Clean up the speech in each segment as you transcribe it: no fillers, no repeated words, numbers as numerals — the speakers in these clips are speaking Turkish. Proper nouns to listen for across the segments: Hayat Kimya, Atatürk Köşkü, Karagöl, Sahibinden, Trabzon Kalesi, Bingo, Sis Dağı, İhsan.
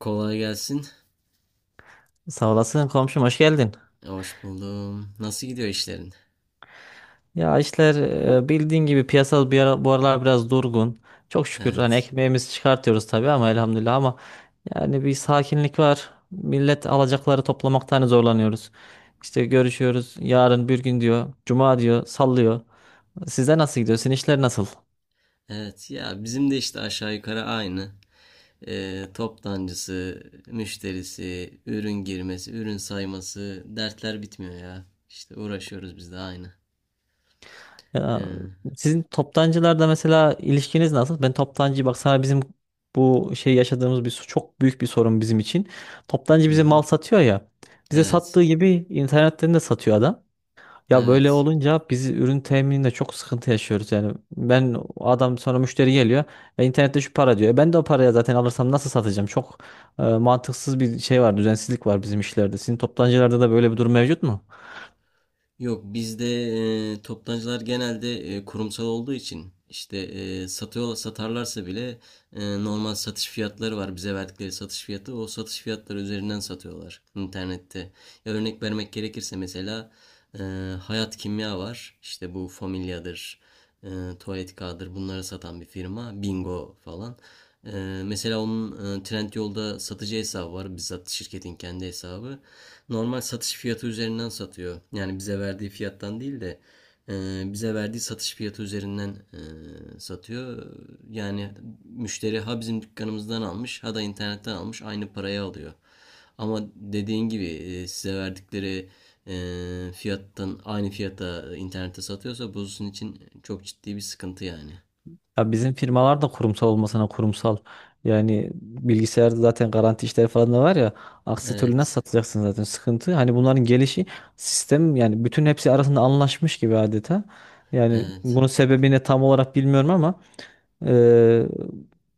Kolay gelsin. Sağ olasın komşum, hoş geldin. Hoş buldum. Nasıl gidiyor işlerin? Ya işler, bildiğin gibi piyasal bir ara, bu aralar biraz durgun. Çok şükür, hani Evet. ekmeğimizi çıkartıyoruz tabii ama elhamdülillah ama yani bir sakinlik var. Millet alacakları toplamaktan hani zorlanıyoruz. İşte görüşüyoruz, yarın bir gün diyor. Cuma diyor, sallıyor. Size nasıl gidiyor? Sizin işler nasıl? Evet ya bizim de işte aşağı yukarı aynı. Toptancısı, müşterisi, ürün girmesi, ürün sayması dertler bitmiyor ya. İşte uğraşıyoruz biz de aynı. Ya, Ee, sizin toptancılarda mesela ilişkiniz nasıl? Ben toptancı bak sana, bizim bu şey yaşadığımız bir çok büyük bir sorun bizim için. Toptancı hı bize hı. mal satıyor ya. Bize Evet. sattığı gibi internetten de satıyor adam. Ya, böyle Evet. olunca biz ürün temininde çok sıkıntı yaşıyoruz yani. Ben o adam, sonra müşteri geliyor. İnternette şu para diyor. Ben de o paraya zaten alırsam nasıl satacağım? Çok mantıksız bir şey var, düzensizlik var bizim işlerde. Sizin toptancılarda da böyle bir durum mevcut mu? Yok bizde toptancılar genelde kurumsal olduğu için işte satıyor satarlarsa bile normal satış fiyatları var bize verdikleri satış fiyatı o satış fiyatları üzerinden satıyorlar internette. Ya örnek vermek gerekirse mesela e, Hayat Kimya var işte bu Familya'dır, e, Tuvalet Kağıdı'dır bunları satan bir firma Bingo falan. E, Mesela onun Trendyol'da satıcı hesabı var bizzat şirketin kendi hesabı. Normal satış fiyatı üzerinden satıyor. Yani bize verdiği fiyattan değil de bize verdiği satış fiyatı üzerinden satıyor. Yani müşteri ha bizim dükkanımızdan almış ha da internetten almış aynı paraya alıyor. Ama dediğin gibi size verdikleri fiyattan aynı fiyata internette satıyorsa bu sizin için çok ciddi bir sıkıntı yani. Ya, bizim firmalar da kurumsal olmasına kurumsal. Yani bilgisayarda zaten garanti işleri falan da var ya. Aksi türlü nasıl Evet. satacaksın, zaten sıkıntı. Hani bunların gelişi sistem yani, bütün hepsi arasında anlaşmış gibi adeta. Yani Evet. bunun sebebini tam olarak bilmiyorum ama ee,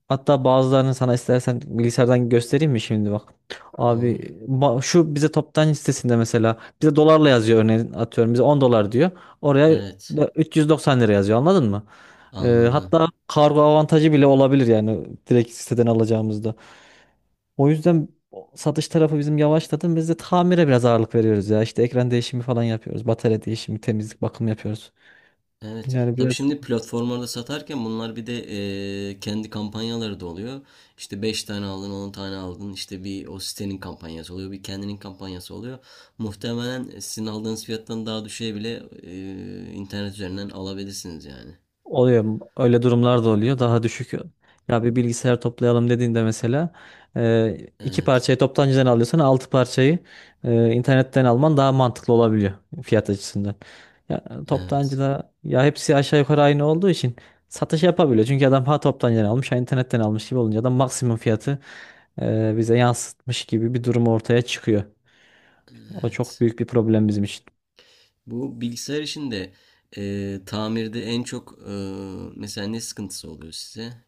hatta bazılarını sana istersen bilgisayardan göstereyim mi şimdi, bak. Abi, Olur. Şu bize toptan sitesinde mesela bize dolarla yazıyor, örneğin atıyorum bize 10 dolar diyor. Oraya Evet. da 390 lira yazıyor, anladın mı? Ee, Anladım. hatta kargo avantajı bile olabilir, yani direkt siteden alacağımızda. O yüzden satış tarafı bizim yavaşladı. Biz de tamire biraz ağırlık veriyoruz ya. İşte ekran değişimi falan yapıyoruz. Batarya değişimi, temizlik, bakım yapıyoruz. Evet. Yani Tabii biraz şimdi platformlarda satarken bunlar bir de kendi kampanyaları da oluyor. İşte 5 tane aldın, 10 tane aldın. İşte bir o sitenin kampanyası oluyor, bir kendinin kampanyası oluyor. Muhtemelen sizin aldığınız fiyattan daha düşeye bile internet üzerinden alabilirsiniz yani. oluyor. Öyle durumlar da oluyor. Daha düşük. Ya, bir bilgisayar toplayalım dediğinde mesela iki Evet. parçayı toptancıdan alıyorsan, altı parçayı internetten alman daha mantıklı olabiliyor, fiyat açısından. Ya, Evet. toptancıda ya hepsi aşağı yukarı aynı olduğu için satış yapabiliyor. Çünkü adam ha toptancıdan almış ha internetten almış gibi olunca da maksimum fiyatı bize yansıtmış gibi bir durum ortaya çıkıyor. O çok Evet. büyük bir problem bizim için. Bu bilgisayar işinde tamirde en çok mesela ne sıkıntısı oluyor size?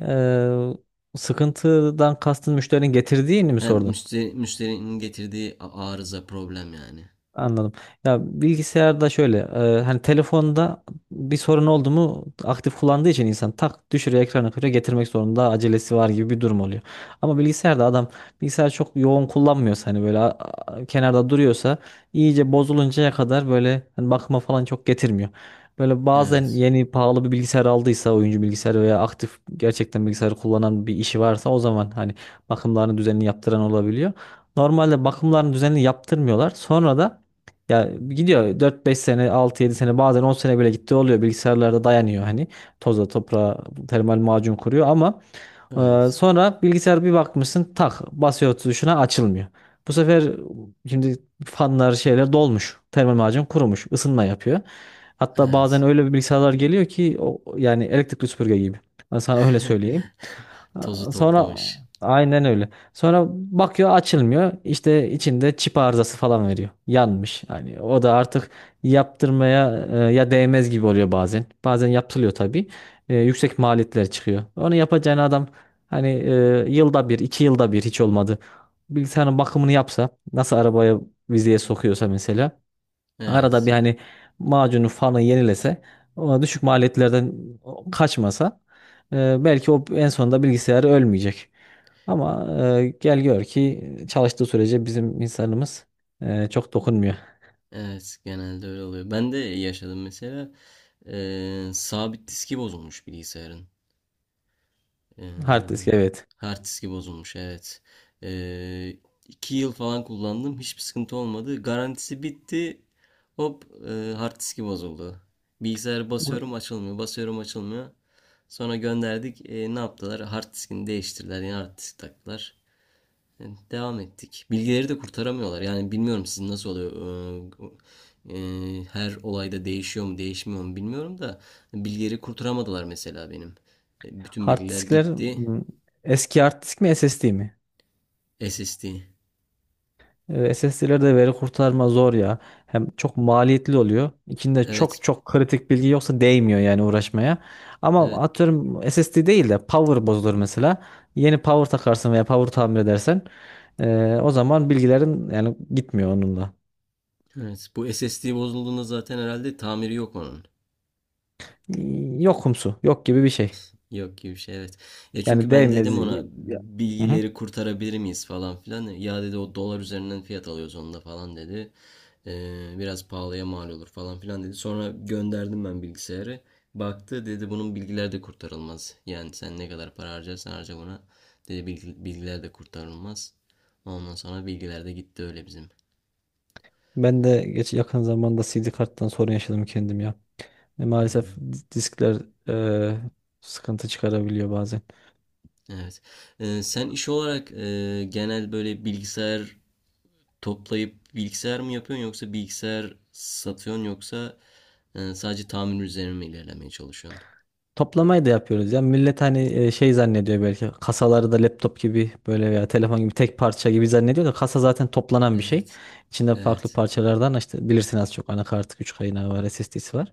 Sıkıntıdan kastın müşterinin getirdiğini mi Hem sordun? müşteri, müşterinin getirdiği arıza problem yani. Anladım. Ya bilgisayarda şöyle, hani telefonda bir sorun oldu mu, aktif kullandığı için insan tak düşürüyor, ekranı kırıyor, getirmek zorunda, acelesi var gibi bir durum oluyor. Ama bilgisayarda adam, bilgisayar çok yoğun kullanmıyorsa, hani böyle kenarda duruyorsa iyice bozuluncaya kadar böyle hani bakıma falan çok getirmiyor. Böyle bazen Evet. yeni pahalı bir bilgisayar aldıysa, oyuncu bilgisayarı veya aktif gerçekten bilgisayarı kullanan bir işi varsa, o zaman hani bakımlarını düzenli yaptıran olabiliyor. Normalde bakımlarını düzenli yaptırmıyorlar. Sonra da ya gidiyor, dört beş sene, altı yedi sene, bazen 10 sene bile gitti oluyor. Bilgisayarlarda dayanıyor hani, toza toprağa, termal macun kuruyor ama Evet. sonra bilgisayar bir bakmışsın tak basıyor tuşuna, açılmıyor. Bu sefer şimdi fanlar, şeyler dolmuş. Termal macun kurumuş, ısınma yapıyor. Hatta bazen Evet. öyle bir bilgisayarlar geliyor ki o, yani elektrikli süpürge gibi. Ben sana öyle söyleyeyim. Tozu Sonra toplamış. aynen öyle. Sonra bakıyor, açılmıyor. İşte içinde çip arızası falan veriyor. Yanmış. Hani o da artık yaptırmaya ya değmez gibi oluyor bazen. Bazen yaptırılıyor tabii. Yüksek maliyetler çıkıyor. Onu yapacağın adam hani yılda bir, iki yılda bir hiç olmadı. Bilgisayarın bakımını yapsa, nasıl arabaya vizeye sokuyorsa mesela arada Evet. bir, hani macunu fanı yenilese, o düşük maliyetlerden kaçmasa, belki o en sonunda bilgisayarı ölmeyecek. Ama gel gör ki çalıştığı sürece bizim insanımız çok dokunmuyor. Evet. Genelde öyle oluyor. Ben de yaşadım mesela. Sabit diski bozulmuş bilgisayarın. Hard disk, Ee, evet. Hard diski bozulmuş. Evet. Ee, 2 yıl falan kullandım. Hiçbir sıkıntı olmadı. Garantisi bitti. Hop hard diski bozuldu. Bilgisayarı Bu basıyorum açılmıyor. Basıyorum açılmıyor. Sonra gönderdik. Ne yaptılar? Hard diskini değiştirdiler. Yeni hard disk taktılar. Yani devam ettik. Bilgileri de kurtaramıyorlar. Yani bilmiyorum sizin nasıl oluyor. Ee, Her olayda değişiyor mu, değişmiyor mu bilmiyorum da bilgileri kurtaramadılar mesela benim. Bütün hard bilgiler diskler, gitti. m, eski hard disk mi, SSD mi? SSD. SSD'lerde veri kurtarma zor ya. Hem çok maliyetli oluyor. İçinde Evet. çok çok kritik bilgi yoksa değmiyor yani uğraşmaya. Ama Evet. atıyorum SSD değil de power bozulur mesela. Yeni power takarsın veya power tamir edersen o zaman bilgilerin yani gitmiyor onunla. Evet. Bu SSD bozulduğunda zaten herhalde tamiri yok onun. Yokumsu, yok gibi bir şey. Yok gibi bir şey evet. Ya çünkü Yani ben dedim değmez. ona Ya. Hı hı. bilgileri kurtarabilir miyiz falan filan. Ya dedi o dolar üzerinden fiyat alıyoruz onda falan dedi. Biraz pahalıya mal olur falan filan dedi. Sonra gönderdim ben bilgisayarı. Baktı dedi bunun bilgiler de kurtarılmaz. Yani sen ne kadar para harcarsan harca buna. Dedi bilgiler de kurtarılmaz. Ondan sonra bilgiler de gitti öyle bizim. Ben de geç yakın zamanda CD karttan sorun yaşadım kendim ya. Maalesef Hmm. diskler e, sıkıntı çıkarabiliyor bazen. Evet. Sen iş olarak genel böyle bilgisayar toplayıp bilgisayar mı yapıyorsun yoksa bilgisayar satıyorsun yoksa sadece tamir üzerine mi ilerlemeye çalışıyorsun? Toplamayı da yapıyoruz ya. Millet hani şey zannediyor belki, kasaları da laptop gibi böyle veya telefon gibi tek parça gibi zannediyor da, kasa zaten toplanan bir şey. Evet. İçinde farklı Evet. parçalardan, işte bilirsin az çok, anakartı, güç kaynağı var, SSD'si var.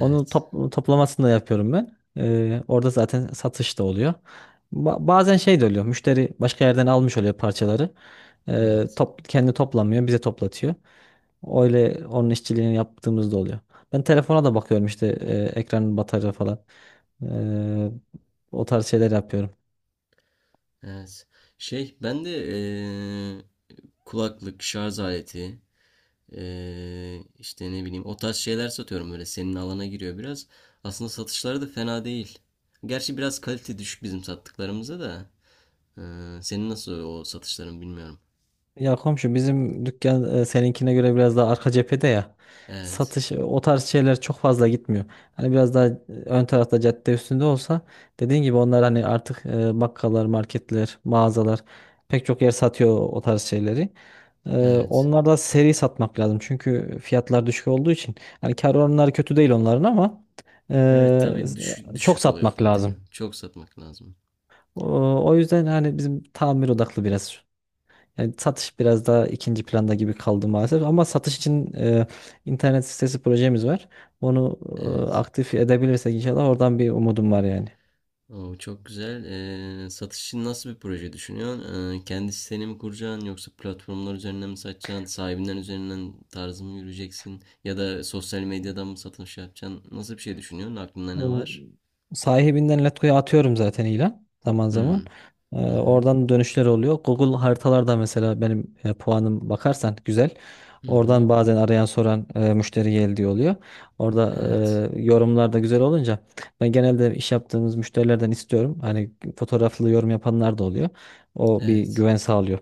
Onu toplamasını da yapıyorum ben. Orada zaten satış da oluyor. Bazen şey de oluyor. Müşteri başka yerden almış oluyor parçaları. E, Evet. top, kendi toplamıyor, bize toplatıyor. Öyle onun işçiliğini yaptığımız da oluyor. Ben telefona da bakıyorum, işte ekranın, batarya falan. Eee, o tarz şeyler yapıyorum. Evet. Şey ben de e, kulaklık, şarj aleti işte ne bileyim o tarz şeyler satıyorum böyle senin alana giriyor biraz. Aslında satışları da fena değil. Gerçi biraz kalite düşük bizim sattıklarımıza da. E, Senin nasıl o satışların bilmiyorum. Ya komşu, bizim dükkan seninkine göre biraz daha arka cephede ya. Evet. Satış, o tarz şeyler çok fazla gitmiyor. Hani biraz daha ön tarafta, cadde üstünde olsa, dediğin gibi onlar hani artık, bakkallar, marketler, mağazalar, pek çok yer satıyor o tarz şeyleri. E, Evet. onlar da seri satmak lazım. Çünkü fiyatlar düşük olduğu için hani kar oranları kötü değil onların ama Evet tabii düşük, çok düşük oluyor satmak otomatikman. lazım. Çok satmak lazım. O yüzden hani bizim tamir odaklı biraz. Yani satış biraz daha ikinci planda gibi kaldı maalesef. Ama satış için internet sitesi projemiz var. Onu Evet. aktif edebilirsek inşallah, oradan bir umudum var yani. O çok güzel. Satış için nasıl bir proje düşünüyorsun? Kendi siteni mi kuracaksın yoksa platformlar üzerinden mi satacaksın? Sahibinden üzerinden tarzı mı yürüyeceksin? Ya da sosyal medyadan mı satış yapacaksın? Nasıl bir şey düşünüyorsun? Aklında ne O var? sahibinden Letgo'ya atıyorum zaten ilan, zaman Hmm. zaman. Ee, Hı hı. oradan dönüşler oluyor. Google haritalarda mesela benim puanım, bakarsan, güzel. Hı hı. Oradan bazen arayan soran müşteri geldi diye oluyor. Orada Evet. Yorumlar da güzel olunca, ben genelde iş yaptığımız müşterilerden istiyorum. Hani fotoğraflı yorum yapanlar da oluyor. O bir Evet. güven sağlıyor.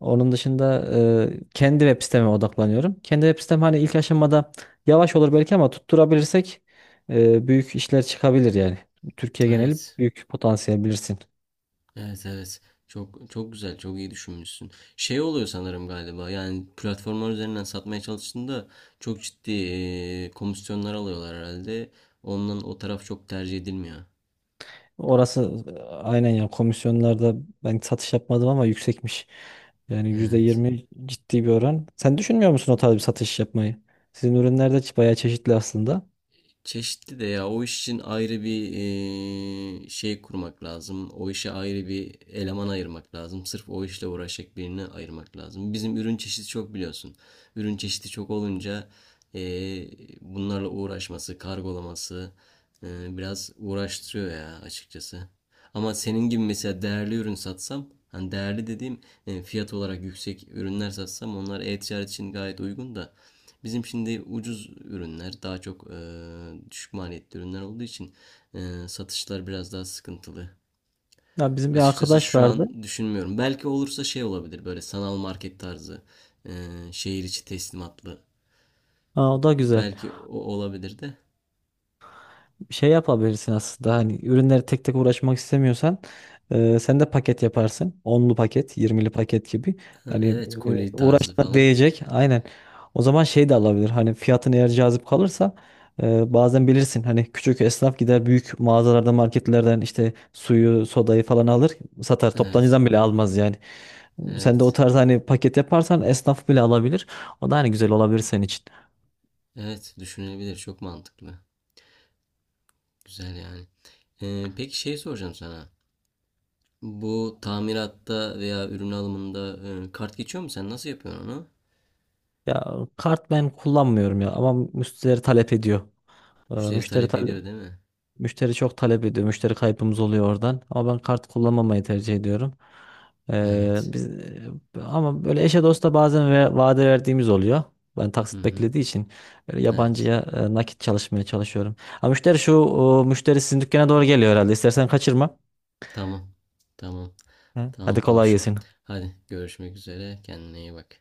Onun dışında kendi web siteme odaklanıyorum. Kendi web sitem hani ilk aşamada yavaş olur belki ama tutturabilirsek büyük işler çıkabilir yani. Türkiye geneli Evet. büyük potansiyel, bilirsin. Evet evet. Çok çok güzel, çok iyi düşünmüşsün. Şey oluyor sanırım galiba. Yani platformlar üzerinden satmaya çalıştığında çok ciddi komisyonlar alıyorlar herhalde. Ondan o taraf çok tercih edilmiyor. Orası aynen ya, komisyonlarda ben satış yapmadım ama yüksekmiş. Yani yüzde Evet. yirmi ciddi bir oran. Sen düşünmüyor musun o tarz bir satış yapmayı? Sizin ürünler de bayağı çeşitli aslında. Çeşitli de ya o iş için ayrı bir şey kurmak lazım. O işe ayrı bir eleman ayırmak lazım. Sırf o işle uğraşacak birini ayırmak lazım. Bizim ürün çeşidi çok biliyorsun. Ürün çeşidi çok olunca eee, bunlarla uğraşması, kargolaması biraz uğraştırıyor ya açıkçası. Ama senin gibi mesela değerli ürün satsam, hani değerli dediğim fiyat olarak yüksek ürünler satsam onlar e-ticaret için gayet uygun da bizim şimdi ucuz ürünler, daha çok düşük maliyetli ürünler olduğu için satışlar biraz daha sıkıntılı. Ya, bizim bir Açıkçası arkadaş şu vardı. an düşünmüyorum. Belki olursa şey olabilir böyle sanal market tarzı, şehir içi teslimatlı. Ha, o da güzel. Belki o olabilir de. Şey yapabilirsin aslında, hani ürünleri tek tek uğraşmak istemiyorsan sen de paket yaparsın. Onlu paket, yirmili paket gibi. Ha, Hani evet, koli tarzı uğraşına falan. değecek. Aynen. O zaman şey de alabilir. Hani fiyatın eğer cazip kalırsa, bazen bilirsin hani, küçük esnaf gider büyük mağazalardan, marketlerden, işte suyu, sodayı falan alır, satar. Evet, Toptancıdan bile almaz yani. Sen de o evet, tarz hani paket yaparsan esnaf bile alabilir. O da hani güzel olabilir senin için. evet düşünülebilir. Çok mantıklı. Güzel yani. Peki şey soracağım sana. Bu tamiratta veya ürün alımında kart geçiyor mu? Sen nasıl yapıyorsun onu? Ya, kart ben kullanmıyorum ya ama müşterileri talep ediyor. Ee, Müşteri Müşteri talep tale- ediyor değil mi? müşteri çok talep ediyor. Müşteri kaybımız oluyor oradan. Ama ben kart kullanmamayı tercih ediyorum. Ee, Evet. biz ama böyle eşe dosta bazen ve vade verdiğimiz oluyor. Ben Hı taksit hı. beklediği için böyle Evet. yabancıya nakit çalışmaya çalışıyorum. Ha müşteri, müşteri sizin dükkana doğru geliyor herhalde. İstersen kaçırma. Tamam. Tamam. Hı. Hadi Tamam kolay komşum. gelsin. Hadi görüşmek üzere. Kendine iyi bak.